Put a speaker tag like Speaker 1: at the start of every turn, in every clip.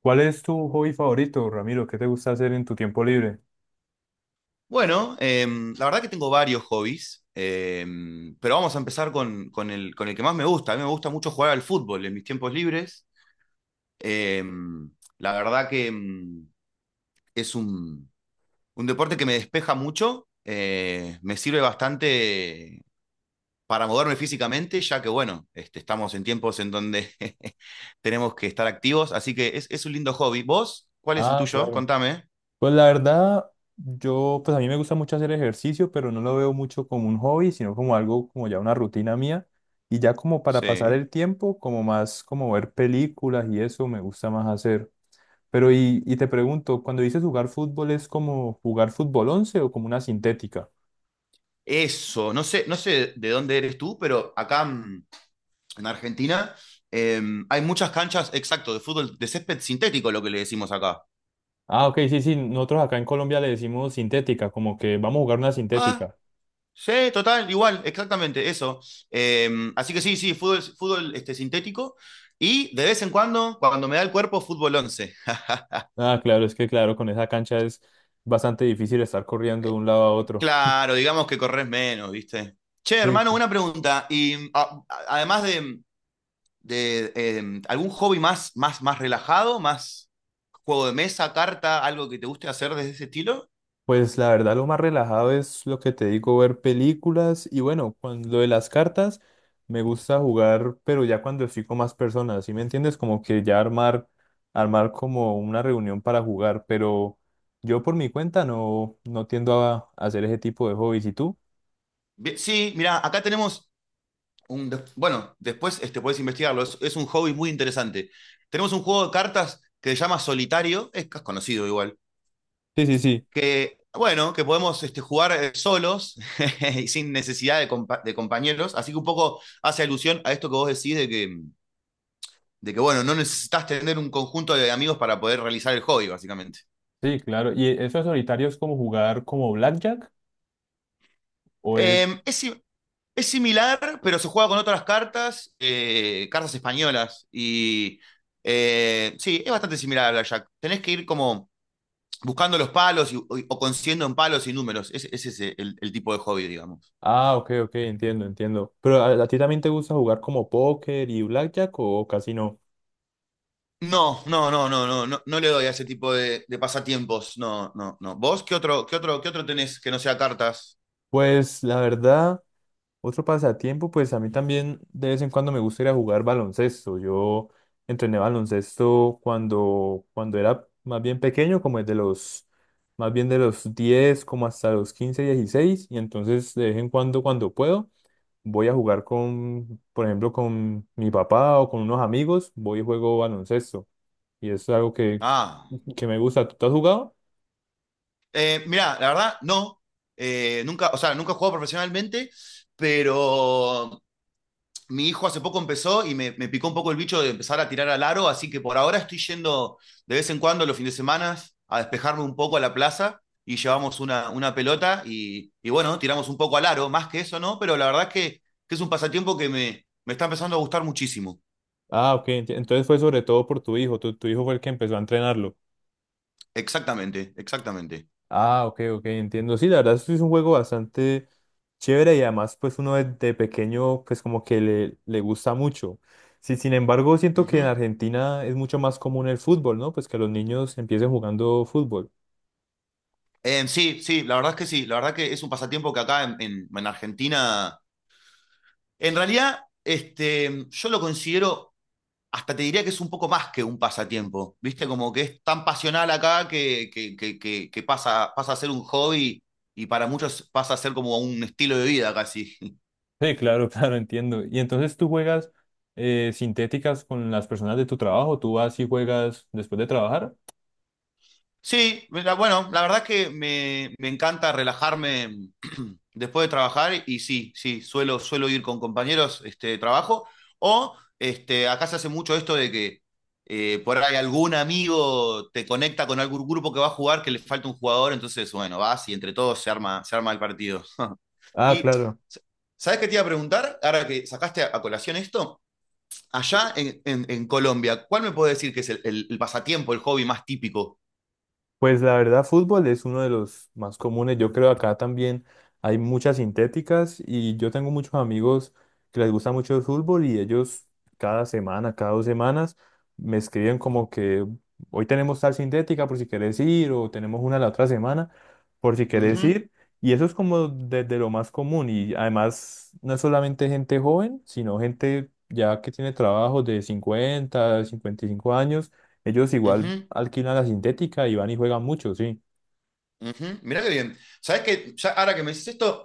Speaker 1: ¿Cuál es tu hobby favorito, Ramiro? ¿Qué te gusta hacer en tu tiempo libre?
Speaker 2: Bueno, la verdad que tengo varios hobbies, pero vamos a empezar con el que más me gusta. A mí me gusta mucho jugar al fútbol en mis tiempos libres. Em, la verdad que, es un deporte que me despeja mucho, me sirve bastante para moverme físicamente, ya que bueno, este, estamos en tiempos en donde tenemos que estar activos, así que es un lindo hobby. ¿Vos? ¿Cuál es el
Speaker 1: Ah,
Speaker 2: tuyo?
Speaker 1: claro.
Speaker 2: Contame.
Speaker 1: Pues la verdad, yo, pues a mí me gusta mucho hacer ejercicio, pero no lo veo mucho como un hobby, sino como algo como ya una rutina mía. Y ya como para pasar
Speaker 2: Sí.
Speaker 1: el tiempo, como más como ver películas y eso me gusta más hacer. Pero y te pregunto, cuando dices jugar fútbol, ¿es como jugar fútbol 11 o como una sintética?
Speaker 2: Eso, no sé, no sé de dónde eres tú, pero acá en Argentina, eh, hay muchas canchas, exacto, de fútbol de césped sintético, lo que le decimos acá.
Speaker 1: Ah, ok, sí, sí, nosotros acá en Colombia le decimos sintética, como que vamos a jugar una
Speaker 2: Ah,
Speaker 1: sintética.
Speaker 2: sí, total, igual, exactamente, eso. Eh, así que sí, sí, fútbol este, sintético. Y de vez en cuando, cuando me da el cuerpo, fútbol once.
Speaker 1: Ah, claro, es que claro, con esa cancha es bastante difícil estar corriendo de un lado a otro.
Speaker 2: Claro, digamos que corres menos, ¿viste? Che,
Speaker 1: Sí.
Speaker 2: hermano, una pregunta. Y además de algún hobby más relajado, más juego de mesa, carta, algo que te guste hacer de ese estilo.
Speaker 1: Pues la verdad lo más relajado es lo que te digo, ver películas y bueno, con lo de las cartas me gusta jugar, pero ya cuando estoy con más personas, ¿sí me entiendes? Como que ya armar, armar como una reunión para jugar, pero yo por mi cuenta no, no tiendo a hacer ese tipo de hobbies. ¿Y tú?
Speaker 2: Bien, sí, mira, acá tenemos bueno, después este, puedes investigarlo, es un hobby muy interesante. Tenemos un juego de cartas que se llama Solitario, es conocido igual,
Speaker 1: Sí, sí, sí.
Speaker 2: que, bueno, que podemos este, jugar solos y sin necesidad de, de compañeros, así que un poco hace alusión a esto que vos decís de que bueno, no necesitas tener un conjunto de amigos para poder realizar el hobby, básicamente.
Speaker 1: Sí, claro. ¿Y eso de solitario es como jugar como blackjack? O
Speaker 2: Eh, es, Es similar, pero se juega con otras cartas, cartas españolas. Y sí, es bastante similar al Blackjack. Tenés que ir como buscando los palos o consiguiendo en palos y números. Ese es el tipo de hobby, digamos.
Speaker 1: ah, ok, ok, entiendo, entiendo. Pero a ti también te gusta jugar como póker y blackjack o casi no?
Speaker 2: No, no, no, no, no, no, no le doy a ese tipo de pasatiempos. No, no, no. ¿Vos qué otro tenés que no sea cartas?
Speaker 1: Pues la verdad, otro pasatiempo, pues a mí también de vez en cuando me gusta ir a jugar baloncesto. Yo entrené baloncesto cuando era más bien pequeño, como desde los, más bien de los 10, como hasta los 15, 16. Y entonces de vez en cuando, cuando puedo, voy a jugar con, por ejemplo, con mi papá o con unos amigos, voy y juego baloncesto. Y eso es algo
Speaker 2: Ah,
Speaker 1: que me gusta. ¿Tú has jugado?
Speaker 2: mirá, la verdad, no. Nunca, o sea, nunca he jugado profesionalmente, pero mi hijo hace poco empezó y me picó un poco el bicho de empezar a tirar al aro, así que por ahora estoy yendo de vez en cuando los fines de semana a despejarme un poco a la plaza y llevamos una pelota y, bueno, tiramos un poco al aro, más que eso, ¿no? Pero la verdad es que es un pasatiempo que me está empezando a gustar muchísimo.
Speaker 1: Ah, ok. Entonces fue sobre todo por tu hijo. Tu hijo fue el que empezó a entrenarlo.
Speaker 2: Exactamente, exactamente.
Speaker 1: Ah, ok, ok, entiendo. Sí, la verdad sí es un juego bastante chévere y además pues uno de pequeño pues como que le gusta mucho. Sí, sin embargo, siento
Speaker 2: Uh
Speaker 1: que en
Speaker 2: -huh.
Speaker 1: Argentina es mucho más común el fútbol, ¿no? Pues que los niños empiecen jugando fútbol.
Speaker 2: Sí, sí, la verdad es que sí, la verdad que es un pasatiempo que acá en Argentina, en realidad, este, yo lo considero hasta te diría que es un poco más que un pasatiempo, ¿viste? Como que es tan pasional acá que pasa, pasa a ser un hobby y para muchos pasa a ser como un estilo de vida casi.
Speaker 1: Sí, claro, claro, entiendo. Y entonces tú juegas sintéticas con las personas de tu trabajo, tú vas y juegas después de trabajar.
Speaker 2: Sí, mira, bueno, la verdad es que me encanta relajarme después de trabajar y sí, sí, suelo ir con compañeros este, de trabajo o este, acá se hace mucho esto de que por ahí algún amigo te conecta con algún grupo que va a jugar que le falta un jugador, entonces bueno, vas y entre todos se arma el partido.
Speaker 1: Ah,
Speaker 2: Y,
Speaker 1: claro.
Speaker 2: ¿sabes qué te iba a preguntar? Ahora que sacaste a colación esto, allá Colombia, ¿cuál me puede decir que es el pasatiempo, el hobby más típico?
Speaker 1: Pues la verdad, fútbol es uno de los más comunes. Yo creo acá también hay muchas sintéticas y yo tengo muchos amigos que les gusta mucho el fútbol y ellos cada semana, cada dos semanas me escriben como que hoy tenemos tal sintética por si quieres ir o tenemos una la otra semana por si
Speaker 2: Uh
Speaker 1: quieres
Speaker 2: -huh,
Speaker 1: ir. Y eso es como desde lo más común y además no es solamente gente joven, sino gente ya que tiene trabajos de cincuenta, cincuenta y cinco años ellos
Speaker 2: uh
Speaker 1: igual
Speaker 2: -huh,
Speaker 1: alquilan la sintética y van y juegan mucho, sí.
Speaker 2: uh -huh. Mirá qué bien. ¿Sabes qué? Ya, ahora que me dices esto,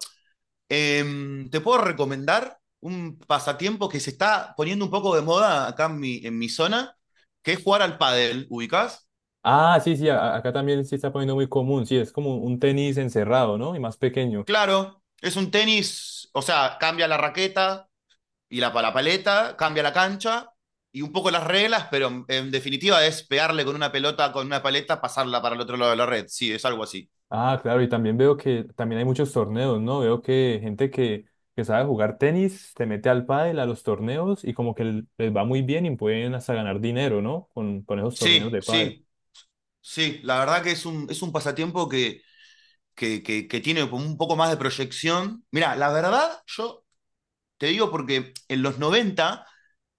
Speaker 2: eh, ¿te puedo recomendar un pasatiempo que se está poniendo un poco de moda acá en mi zona? Que es jugar al pádel, ¿ubicás?
Speaker 1: Ah, sí, sí, acá también sí está poniendo muy común, sí, es como un tenis encerrado, ¿no? Y más pequeño.
Speaker 2: Claro, es un tenis, o sea, cambia la raqueta, y la paleta, cambia la cancha y un poco las reglas, pero definitiva es pegarle con una pelota, con una paleta, pasarla para el otro lado de la red. Sí, es algo así.
Speaker 1: Ah, claro, y también veo que también hay muchos torneos, ¿no? Veo que que sabe jugar tenis se mete al pádel, a los torneos y como que les va muy bien y pueden hasta ganar dinero, ¿no? Con esos torneos
Speaker 2: Sí,
Speaker 1: de pádel.
Speaker 2: sí, sí. La verdad que es es un pasatiempo que tiene un poco más de proyección. Mira, la verdad, yo te digo porque en los 90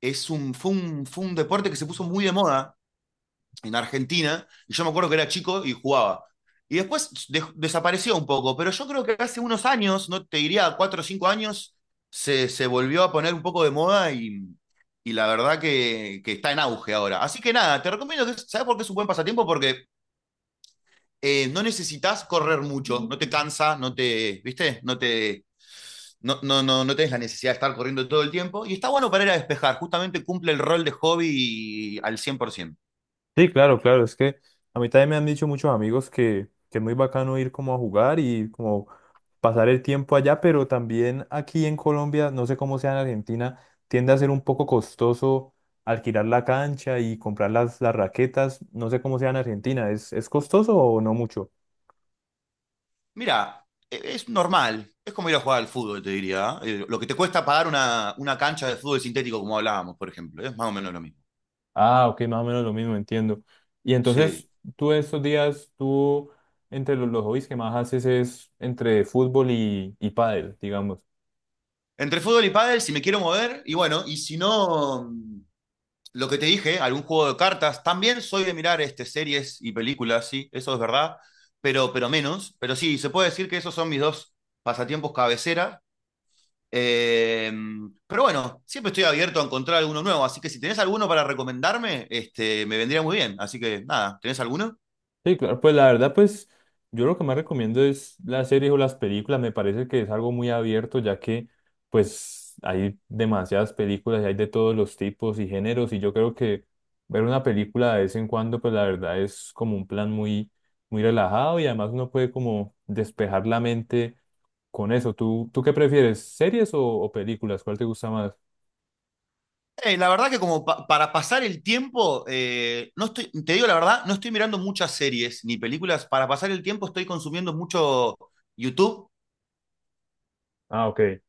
Speaker 2: es fue un deporte que se puso muy de moda en Argentina, y yo me acuerdo que era chico y jugaba. Y después desapareció un poco, pero yo creo que hace unos años, no te diría cuatro o cinco años, se volvió a poner un poco de moda y la verdad que está en auge ahora. Así que nada, te recomiendo que, ¿sabes por qué es un buen pasatiempo? Porque no necesitas correr mucho, no te cansa, no te, ¿viste? No te, no, no, no, no tenés la necesidad de estar corriendo todo el tiempo. Y está bueno para ir a despejar, justamente cumple el rol de hobby al 100%.
Speaker 1: Sí, claro, claro, es que a mí también me han dicho muchos amigos que es muy bacano ir como a jugar y como pasar el tiempo allá, pero también aquí en Colombia, no sé cómo sea en Argentina, tiende a ser un poco costoso alquilar la cancha y comprar las raquetas, no sé cómo sea en Argentina, es costoso o no mucho?
Speaker 2: Mira, es normal. Es como ir a jugar al fútbol, te diría. ¿Eh? Lo que te cuesta pagar una cancha de fútbol sintético, como hablábamos, por ejemplo. Es más o menos lo mismo.
Speaker 1: Ah, ok, más o menos lo mismo, entiendo. Y entonces,
Speaker 2: Sí.
Speaker 1: tú estos días, tú, entre los hobbies que más haces es entre fútbol y pádel, digamos.
Speaker 2: Entre fútbol y pádel, si me quiero mover, y bueno, y si no, lo que te dije, algún juego de cartas. También soy de mirar este, series y películas, sí, eso es verdad, pero menos. Pero sí, se puede decir que esos son mis dos pasatiempos cabecera. Eh, pero bueno, siempre estoy abierto a encontrar alguno nuevo, así que si tenés alguno para recomendarme, este, me vendría muy bien. Así que nada, ¿tenés alguno?
Speaker 1: Sí, claro, pues la verdad, pues yo lo que más recomiendo es las series o las películas, me parece que es algo muy abierto, ya que pues hay demasiadas películas y hay de todos los tipos y géneros, y yo creo que ver una película de vez en cuando, pues la verdad es como un plan muy, muy relajado y además uno puede como despejar la mente con eso. ¿Tú, tú qué prefieres, series o películas? ¿Cuál te gusta más?
Speaker 2: La verdad que como para pasar el tiempo, no estoy, te digo la verdad, no estoy mirando muchas series ni películas. Para pasar el tiempo estoy consumiendo mucho YouTube
Speaker 1: Ah, ok.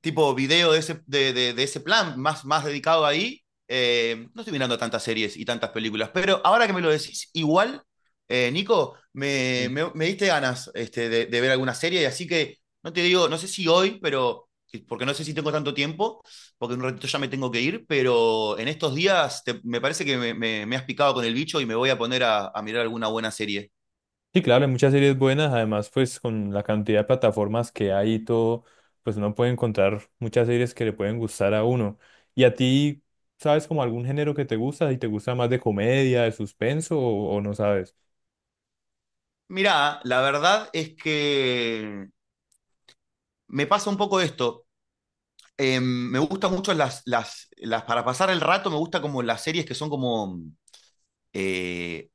Speaker 2: tipo video de ese, de ese plan, más dedicado ahí. No estoy mirando tantas series y tantas películas, pero ahora que me lo decís, igual, Nico, diste ganas este, de ver alguna serie, así que no te digo, no sé si hoy, pero porque no sé si tengo tanto tiempo, porque en un ratito ya me tengo que ir, pero en estos días te, me parece que me has picado con el bicho y me voy a poner a mirar alguna buena serie.
Speaker 1: Sí, claro, hay muchas series buenas, además pues con la cantidad de plataformas que hay y todo, pues uno puede encontrar muchas series que le pueden gustar a uno. ¿Y a ti, sabes como algún género que te gusta? ¿Y te gusta más de comedia, de suspenso o no sabes?
Speaker 2: Mirá, la verdad es que me pasa un poco esto. Me gusta mucho para pasar el rato, me gusta como las series que son como, eh,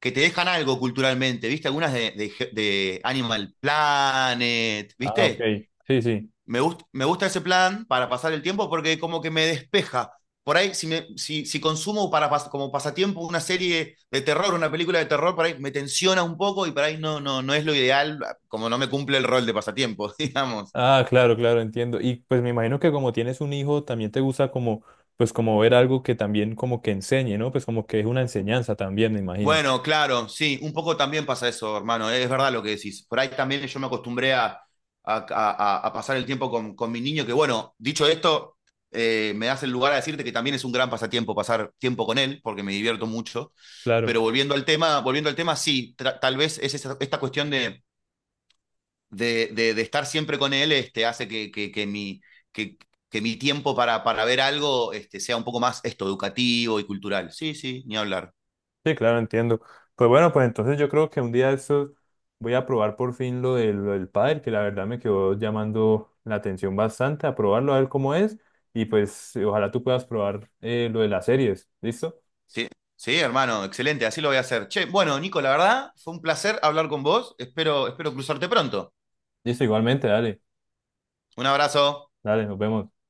Speaker 2: que te dejan algo culturalmente, ¿viste? Algunas de Animal Planet,
Speaker 1: Ah, ok,
Speaker 2: ¿viste?
Speaker 1: sí, sí.
Speaker 2: Me gusta ese plan para pasar el tiempo porque como que me despeja. Por ahí, si consumo para, como pasatiempo una serie de terror, una película de terror, por ahí me tensiona un poco y por ahí no, no, no es lo ideal, como no me cumple el rol de pasatiempo, digamos.
Speaker 1: Ah, claro, claro, entiendo. Y pues me imagino que como tienes un hijo, también te gusta como, pues como ver algo que también como que enseñe, ¿no? Pues como que es una enseñanza también, me imagino.
Speaker 2: Bueno, claro, sí, un poco también pasa eso, hermano, es verdad lo que decís. Por ahí también yo me acostumbré a pasar el tiempo con mi niño, que bueno, dicho esto, me das el lugar a decirte que también es un gran pasatiempo pasar tiempo con él, porque me divierto mucho.
Speaker 1: Claro.
Speaker 2: Pero volviendo al tema, sí, tal vez es esta cuestión de estar siempre con él, este, hace que mi, que, que mi tiempo para ver algo, este, sea un poco más esto, educativo y cultural. Sí, sí, ni hablar.
Speaker 1: Sí, claro, entiendo. Pues bueno, pues entonces yo creo que un día de estos voy a probar por fin lo lo del pádel, que la verdad me quedó llamando la atención bastante, a probarlo, a ver cómo es, y pues ojalá tú puedas probar lo de las series, ¿listo?
Speaker 2: Sí, sí, hermano, excelente, así lo voy a hacer. Che, bueno, Nico, la verdad, fue un placer hablar con vos. Espero, espero cruzarte pronto.
Speaker 1: Listo, igualmente, dale,
Speaker 2: Un abrazo.
Speaker 1: dale, nos vemos.